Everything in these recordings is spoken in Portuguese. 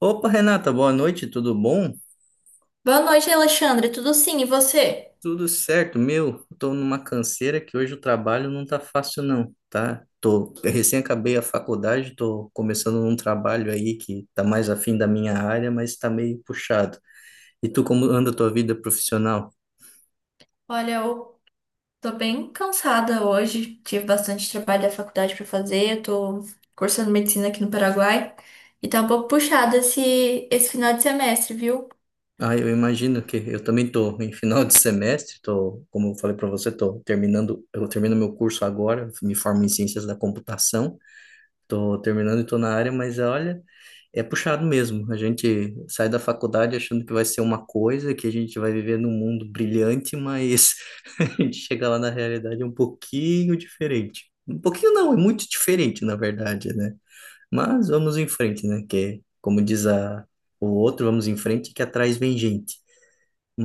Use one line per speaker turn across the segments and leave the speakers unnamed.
Opa, Renata, boa noite, tudo bom?
Boa noite, Alexandre. Tudo sim, e você?
Tudo certo, meu. Tô numa canseira que hoje o trabalho não tá fácil não, tá? Eu recém acabei a faculdade, tô começando um trabalho aí que tá mais afim da minha área, mas tá meio puxado. E tu, como anda a tua vida profissional?
Olha, eu tô bem cansada hoje. Tive bastante trabalho da faculdade pra fazer. Eu tô cursando medicina aqui no Paraguai e tá um pouco puxado esse final de semestre, viu?
Ah, eu imagino que eu também tô em final de semestre, tô, como eu falei para você, tô terminando, eu termino meu curso agora, me formo em ciências da computação, tô terminando e tô na área, mas olha, é puxado mesmo. A gente sai da faculdade achando que vai ser uma coisa, que a gente vai viver num mundo brilhante, mas a gente chega lá na realidade é um pouquinho diferente. Um pouquinho não, é muito diferente, na verdade, né? Mas vamos em frente, né? Que, como diz o outro, vamos em frente, que atrás vem gente.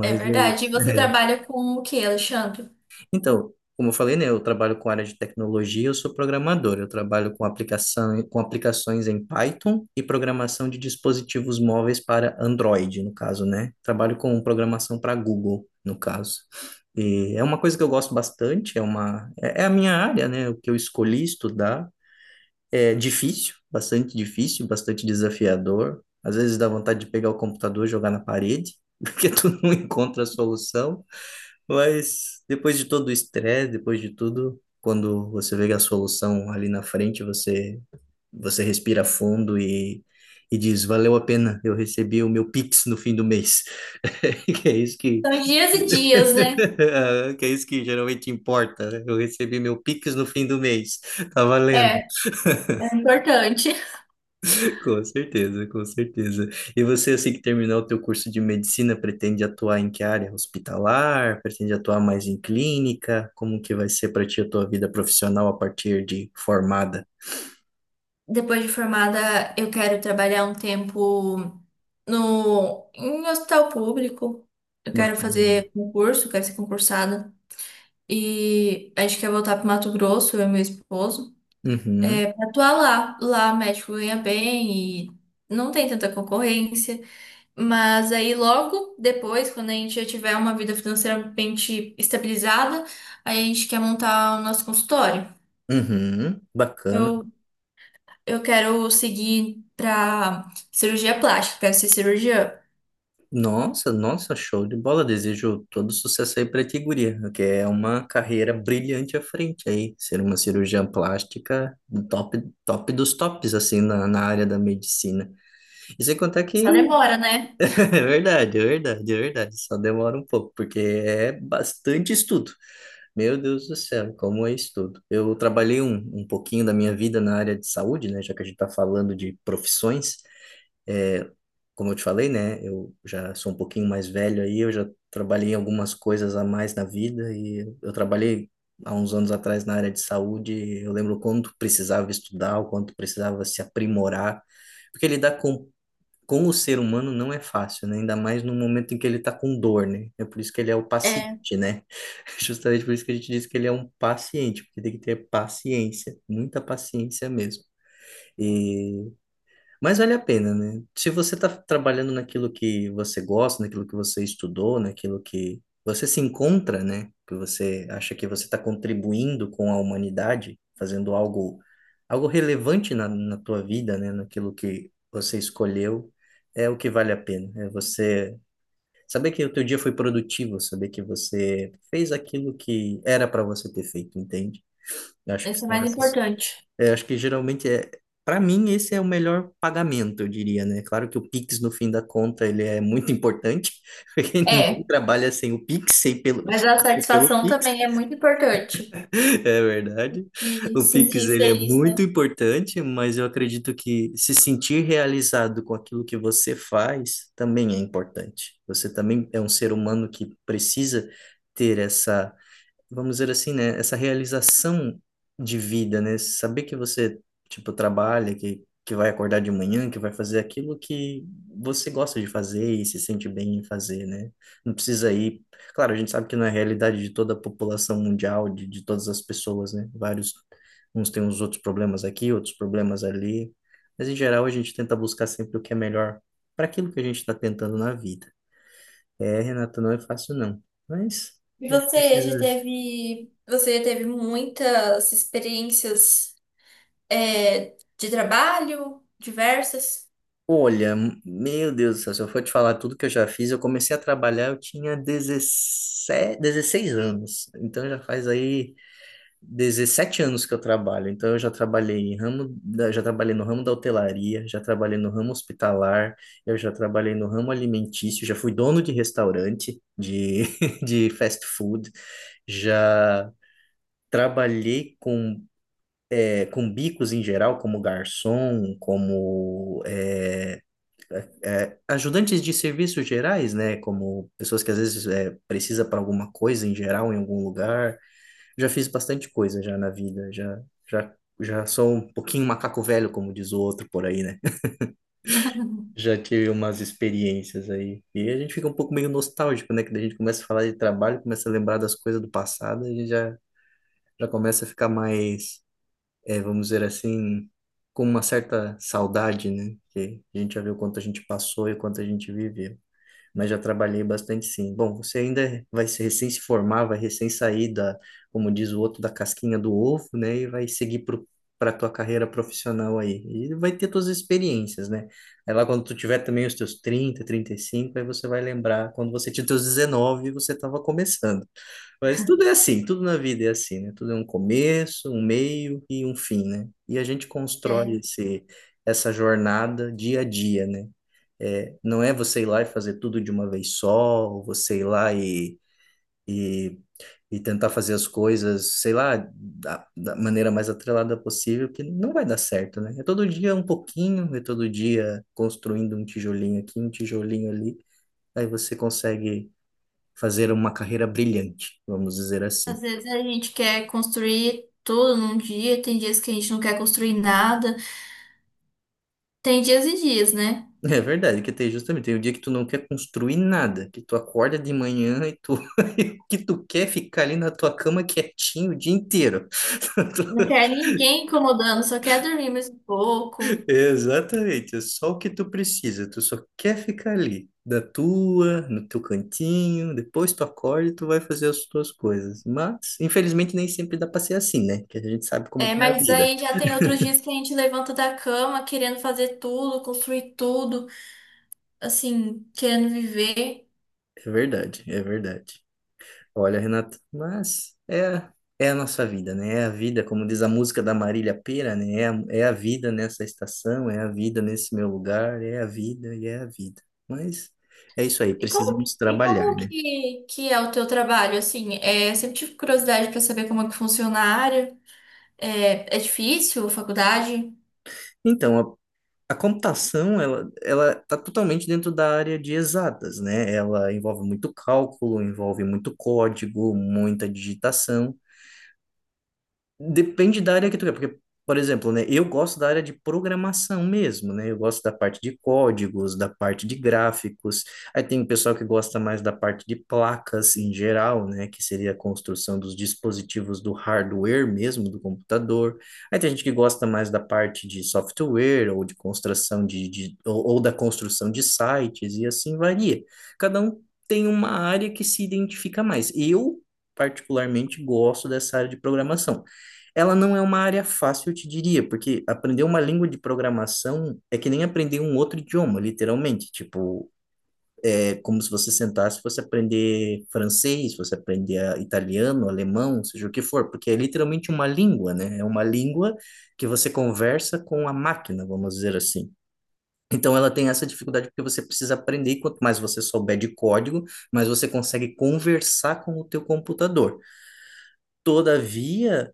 É
é isso.
verdade. E você trabalha com o quê, Alexandre?
Então, como eu falei, né, eu trabalho com área de tecnologia, eu sou programador. Eu trabalho com aplicação, com aplicações em Python e programação de dispositivos móveis para Android, no caso, né? Trabalho com programação para Google, no caso. E é uma coisa que eu gosto bastante, é uma, é é a minha área, né? O que eu escolhi estudar é difícil, bastante desafiador. Às vezes dá vontade de pegar o computador e jogar na parede, porque tu não encontra a solução. Mas depois de todo o estresse, depois de tudo, quando você vê a solução ali na frente, você respira fundo e diz, valeu a pena, eu recebi o meu Pix no fim do mês. Que é isso que,
São dias e dias, né?
que é isso que geralmente importa, né? Eu recebi meu Pix no fim do mês. Tá valendo.
É, é importante.
Com certeza, com certeza. E você, assim que terminar o teu curso de medicina, pretende atuar em que área? Hospitalar? Pretende atuar mais em clínica? Como que vai ser para ti a tua vida profissional a partir de formada?
Depois de formada, eu quero trabalhar um tempo no, em um hospital público. Eu quero
Bacana.
fazer concurso, quero ser concursada. E a gente quer voltar pro Mato Grosso, eu e meu esposo,
Uhum,
é, pra atuar lá. Lá médico ganha bem e não tem tanta concorrência. Mas aí logo depois, quando a gente já tiver uma vida financeiramente estabilizada, aí a gente quer montar o nosso consultório.
uhum, bacana.
Eu, eu quero seguir pra cirurgia plástica, quero ser cirurgiã.
Nossa, nossa, show de bola. Desejo todo sucesso aí pra ti, guria, que é uma carreira brilhante à frente aí. Ser uma cirurgiã plástica top, top dos tops, assim, na área da medicina. E sem contar que
Só demora, né?
é verdade, é verdade, é verdade. Só demora um pouco, porque é bastante estudo. Meu Deus do céu, como é estudo. Eu trabalhei um pouquinho da minha vida na área de saúde, né? Já que a gente está falando de profissões, é, como eu te falei, né? Eu já sou um pouquinho mais velho aí, eu já trabalhei em algumas coisas a mais na vida e eu trabalhei há uns anos atrás na área de saúde. Eu lembro quanto precisava estudar, o quanto precisava se aprimorar, porque lidar com o ser humano não é fácil, né? Ainda mais no momento em que ele está com dor, né? É por isso que ele é o
É,
paciente, né? Justamente por isso que a gente diz que ele é um paciente, porque tem que ter paciência, muita paciência mesmo. Mas vale a pena, né? Se você está trabalhando naquilo que você gosta, naquilo que você estudou, naquilo que você se encontra, né? Que você acha que você está contribuindo com a humanidade, fazendo algo, algo relevante na tua vida, né? Naquilo que você escolheu, é o que vale a pena. É você saber que o teu dia foi produtivo, saber que você fez aquilo que era para você ter feito, entende? Eu acho que
esse é
são
mais
essas.
importante.
É, acho que geralmente é. Para mim, esse é o melhor pagamento, eu diria, né? Claro que o Pix, no fim da conta, ele é muito importante, porque ninguém
É,
trabalha sem o Pix, sem pelo,
mas a
sem pelo
satisfação
Pix,
também é muito importante.
é verdade.
E
O Pix,
sentir
ele é
feliz,
muito
né?
importante, mas eu acredito que se sentir realizado com aquilo que você faz também é importante. Você também é um ser humano que precisa ter essa vamos dizer assim, né, essa realização de vida, né, saber que você, tipo, trabalha, que vai acordar de manhã, que vai fazer aquilo que você gosta de fazer e se sente bem em fazer, né, não precisa ir, claro, a gente sabe que não é a realidade de toda a população mundial, de todas as pessoas, né, vários, uns têm uns outros problemas aqui, outros problemas ali, mas em geral a gente tenta buscar sempre o que é melhor para aquilo que a gente está tentando na vida. É, Renata, não é fácil não, mas
E
a gente
você já
precisa.
teve, você já teve muitas experiências, é, de trabalho, diversas?
Olha, meu Deus do céu, se eu for te falar tudo que eu já fiz, eu comecei a trabalhar, eu tinha 17, 16 anos. Então já faz aí 17 anos que eu trabalho. Então eu já trabalhei já trabalhei no ramo da hotelaria, já trabalhei no ramo hospitalar, eu já trabalhei no ramo alimentício, já fui dono de restaurante de, de fast food, já trabalhei com bicos em geral, como garçom, como ajudantes de serviços gerais, né? Como pessoas que às vezes precisa para alguma coisa em geral, em algum lugar. Já fiz bastante coisa já na vida, já, já sou um pouquinho macaco velho, como diz o outro por aí, né? Já tive umas experiências aí. E a gente fica um pouco meio nostálgico, né? Que a gente começa a falar de trabalho, começa a lembrar das coisas do passado, a gente já começa a ficar mais, vamos dizer assim, com uma certa saudade, né? Que a gente já viu o quanto a gente passou e o quanto a gente viveu. Mas já trabalhei bastante sim. Bom, você ainda vai se recém se formar, vai recém sair como diz o outro, da casquinha do ovo, né? E vai seguir para a tua carreira profissional aí. E vai ter tuas experiências, né? Aí lá quando tu tiver também os teus 30, 35, aí você vai lembrar quando você tinha os teus 19, e você estava começando. Mas tudo é assim, tudo na vida é assim, né? Tudo é um começo, um meio e um fim, né? E a gente constrói
É.
essa jornada dia a dia, né? É, não é você ir lá e fazer tudo de uma vez só, ou você ir lá e, e tentar fazer as coisas, sei lá, da maneira mais atrelada possível, que não vai dar certo, né? É todo dia um pouquinho, é todo dia construindo um tijolinho aqui, um tijolinho ali, aí você consegue fazer uma carreira brilhante, vamos dizer
Às
assim.
vezes a gente quer construir tudo num dia, tem dias que a gente não quer construir nada, tem dias e dias, né?
É verdade, que tem justamente, tem o dia que tu não quer construir nada, que tu acorda de manhã e tu que tu quer é ficar ali na tua cama quietinho o dia inteiro.
Não quer ninguém incomodando, só quer dormir mais um pouco.
Exatamente, é só o que tu precisa, tu só quer ficar ali, no teu cantinho, depois tu acorda e tu vai fazer as tuas coisas. Mas, infelizmente, nem sempre dá pra ser assim, né? Que a gente sabe como
É,
que é a
mas
vida.
aí já tem outros dias que a gente levanta da cama querendo fazer tudo, construir tudo, assim, querendo viver.
É verdade, é verdade. Olha, Renata, mas é a nossa vida, né? É a vida, como diz a música da Marília Pêra, né? É a vida nessa estação, é a vida nesse meu lugar, é a vida e é a vida. Mas é isso aí,
E como,
precisamos
e
trabalhar,
como
né?
que é o teu trabalho, assim? É, eu sempre tive curiosidade para saber como é que funciona a área. É, é difícil, a faculdade?
Então. A computação, ela está totalmente dentro da área de exatas, né? Ela envolve muito cálculo, envolve muito código, muita digitação. Depende da área que tu quer, porque, por exemplo, né, eu gosto da área de programação mesmo, né? Eu gosto da parte de códigos, da parte de gráficos. Aí tem o pessoal que gosta mais da parte de placas em geral, né, que seria a construção dos dispositivos do hardware mesmo do computador. Aí tem gente que gosta mais da parte de software ou de construção de ou da construção de sites e assim varia. Cada um tem uma área que se identifica mais. Eu particularmente gosto dessa, área de programação. Ela não é uma área fácil, eu te diria, porque aprender uma língua de programação é que nem aprender um outro idioma, literalmente. Tipo, é como se você sentasse e fosse aprender francês, você aprender italiano, alemão, seja o que for, porque é literalmente uma língua, né? É uma língua que você conversa com a máquina, vamos dizer assim. Então ela tem essa dificuldade porque você precisa aprender, e quanto mais você souber de código, mais você consegue conversar com o teu computador. Todavia,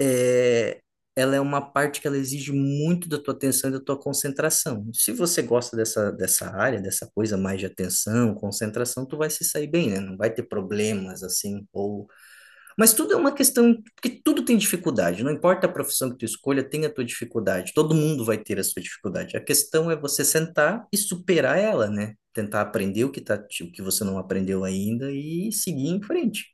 é, ela é uma parte que ela exige muito da tua atenção e da tua concentração. Se você gosta dessa área, dessa coisa mais de atenção, concentração, tu vai se sair bem, né? Não vai ter problemas assim, ou mas tudo é uma questão, porque tudo tem dificuldade, não importa a profissão que tu escolha, tem a tua dificuldade, todo mundo vai ter a sua dificuldade. A questão é você sentar e superar ela, né? Tentar aprender o que tá, o que você não aprendeu ainda e seguir em frente.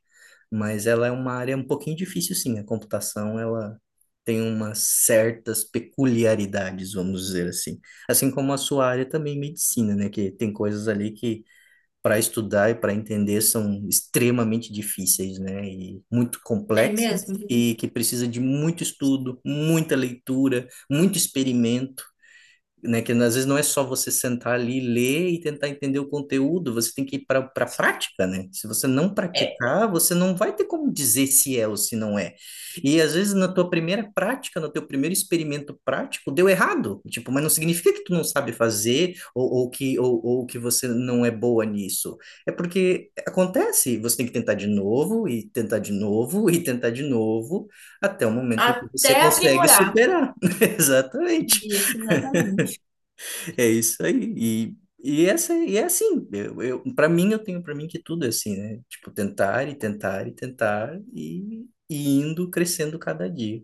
Mas ela é uma área um pouquinho difícil, sim. A computação, ela tem umas certas peculiaridades, vamos dizer assim. Assim como a sua área também, medicina, né? Que tem coisas ali que para estudar e para entender são extremamente difíceis, né? E muito
É
complexas
mesmo?
e que precisa de muito estudo, muita leitura, muito experimento, né? Que às vezes não é só você sentar ali, ler e tentar entender o conteúdo, você tem que ir para a prática, né? Se você não
É.
praticar, você não vai ter como dizer se é ou se não é. E às vezes na tua primeira prática, no teu primeiro experimento prático, deu errado, tipo, mas não significa que tu não sabe fazer ou que você não é boa nisso. É porque acontece, você tem que tentar de novo e tentar de novo e tentar de novo até o momento em que
Até
você consegue
aprimorar.
superar. Exatamente.
Isso, exatamente.
É isso aí. E é assim, para mim, eu tenho para mim que tudo é assim, né? Tipo, tentar e tentar e tentar e indo crescendo cada dia.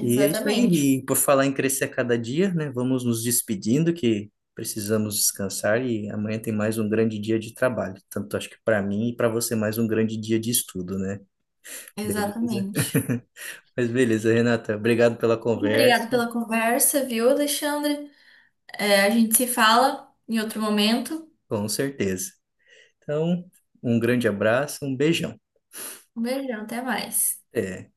E é isso aí. E por falar em crescer a cada dia, né? Vamos nos despedindo que precisamos descansar e amanhã tem mais um grande dia de trabalho. Tanto acho que para mim e para você mais um grande dia de estudo, né? Beleza?
Exatamente.
Mas beleza, Renata. Obrigado pela
Muito
conversa.
obrigada pela conversa, viu, Alexandre? É, a gente se fala em outro momento.
Com certeza. Então, um grande abraço, um beijão.
Um beijão, até mais.
É.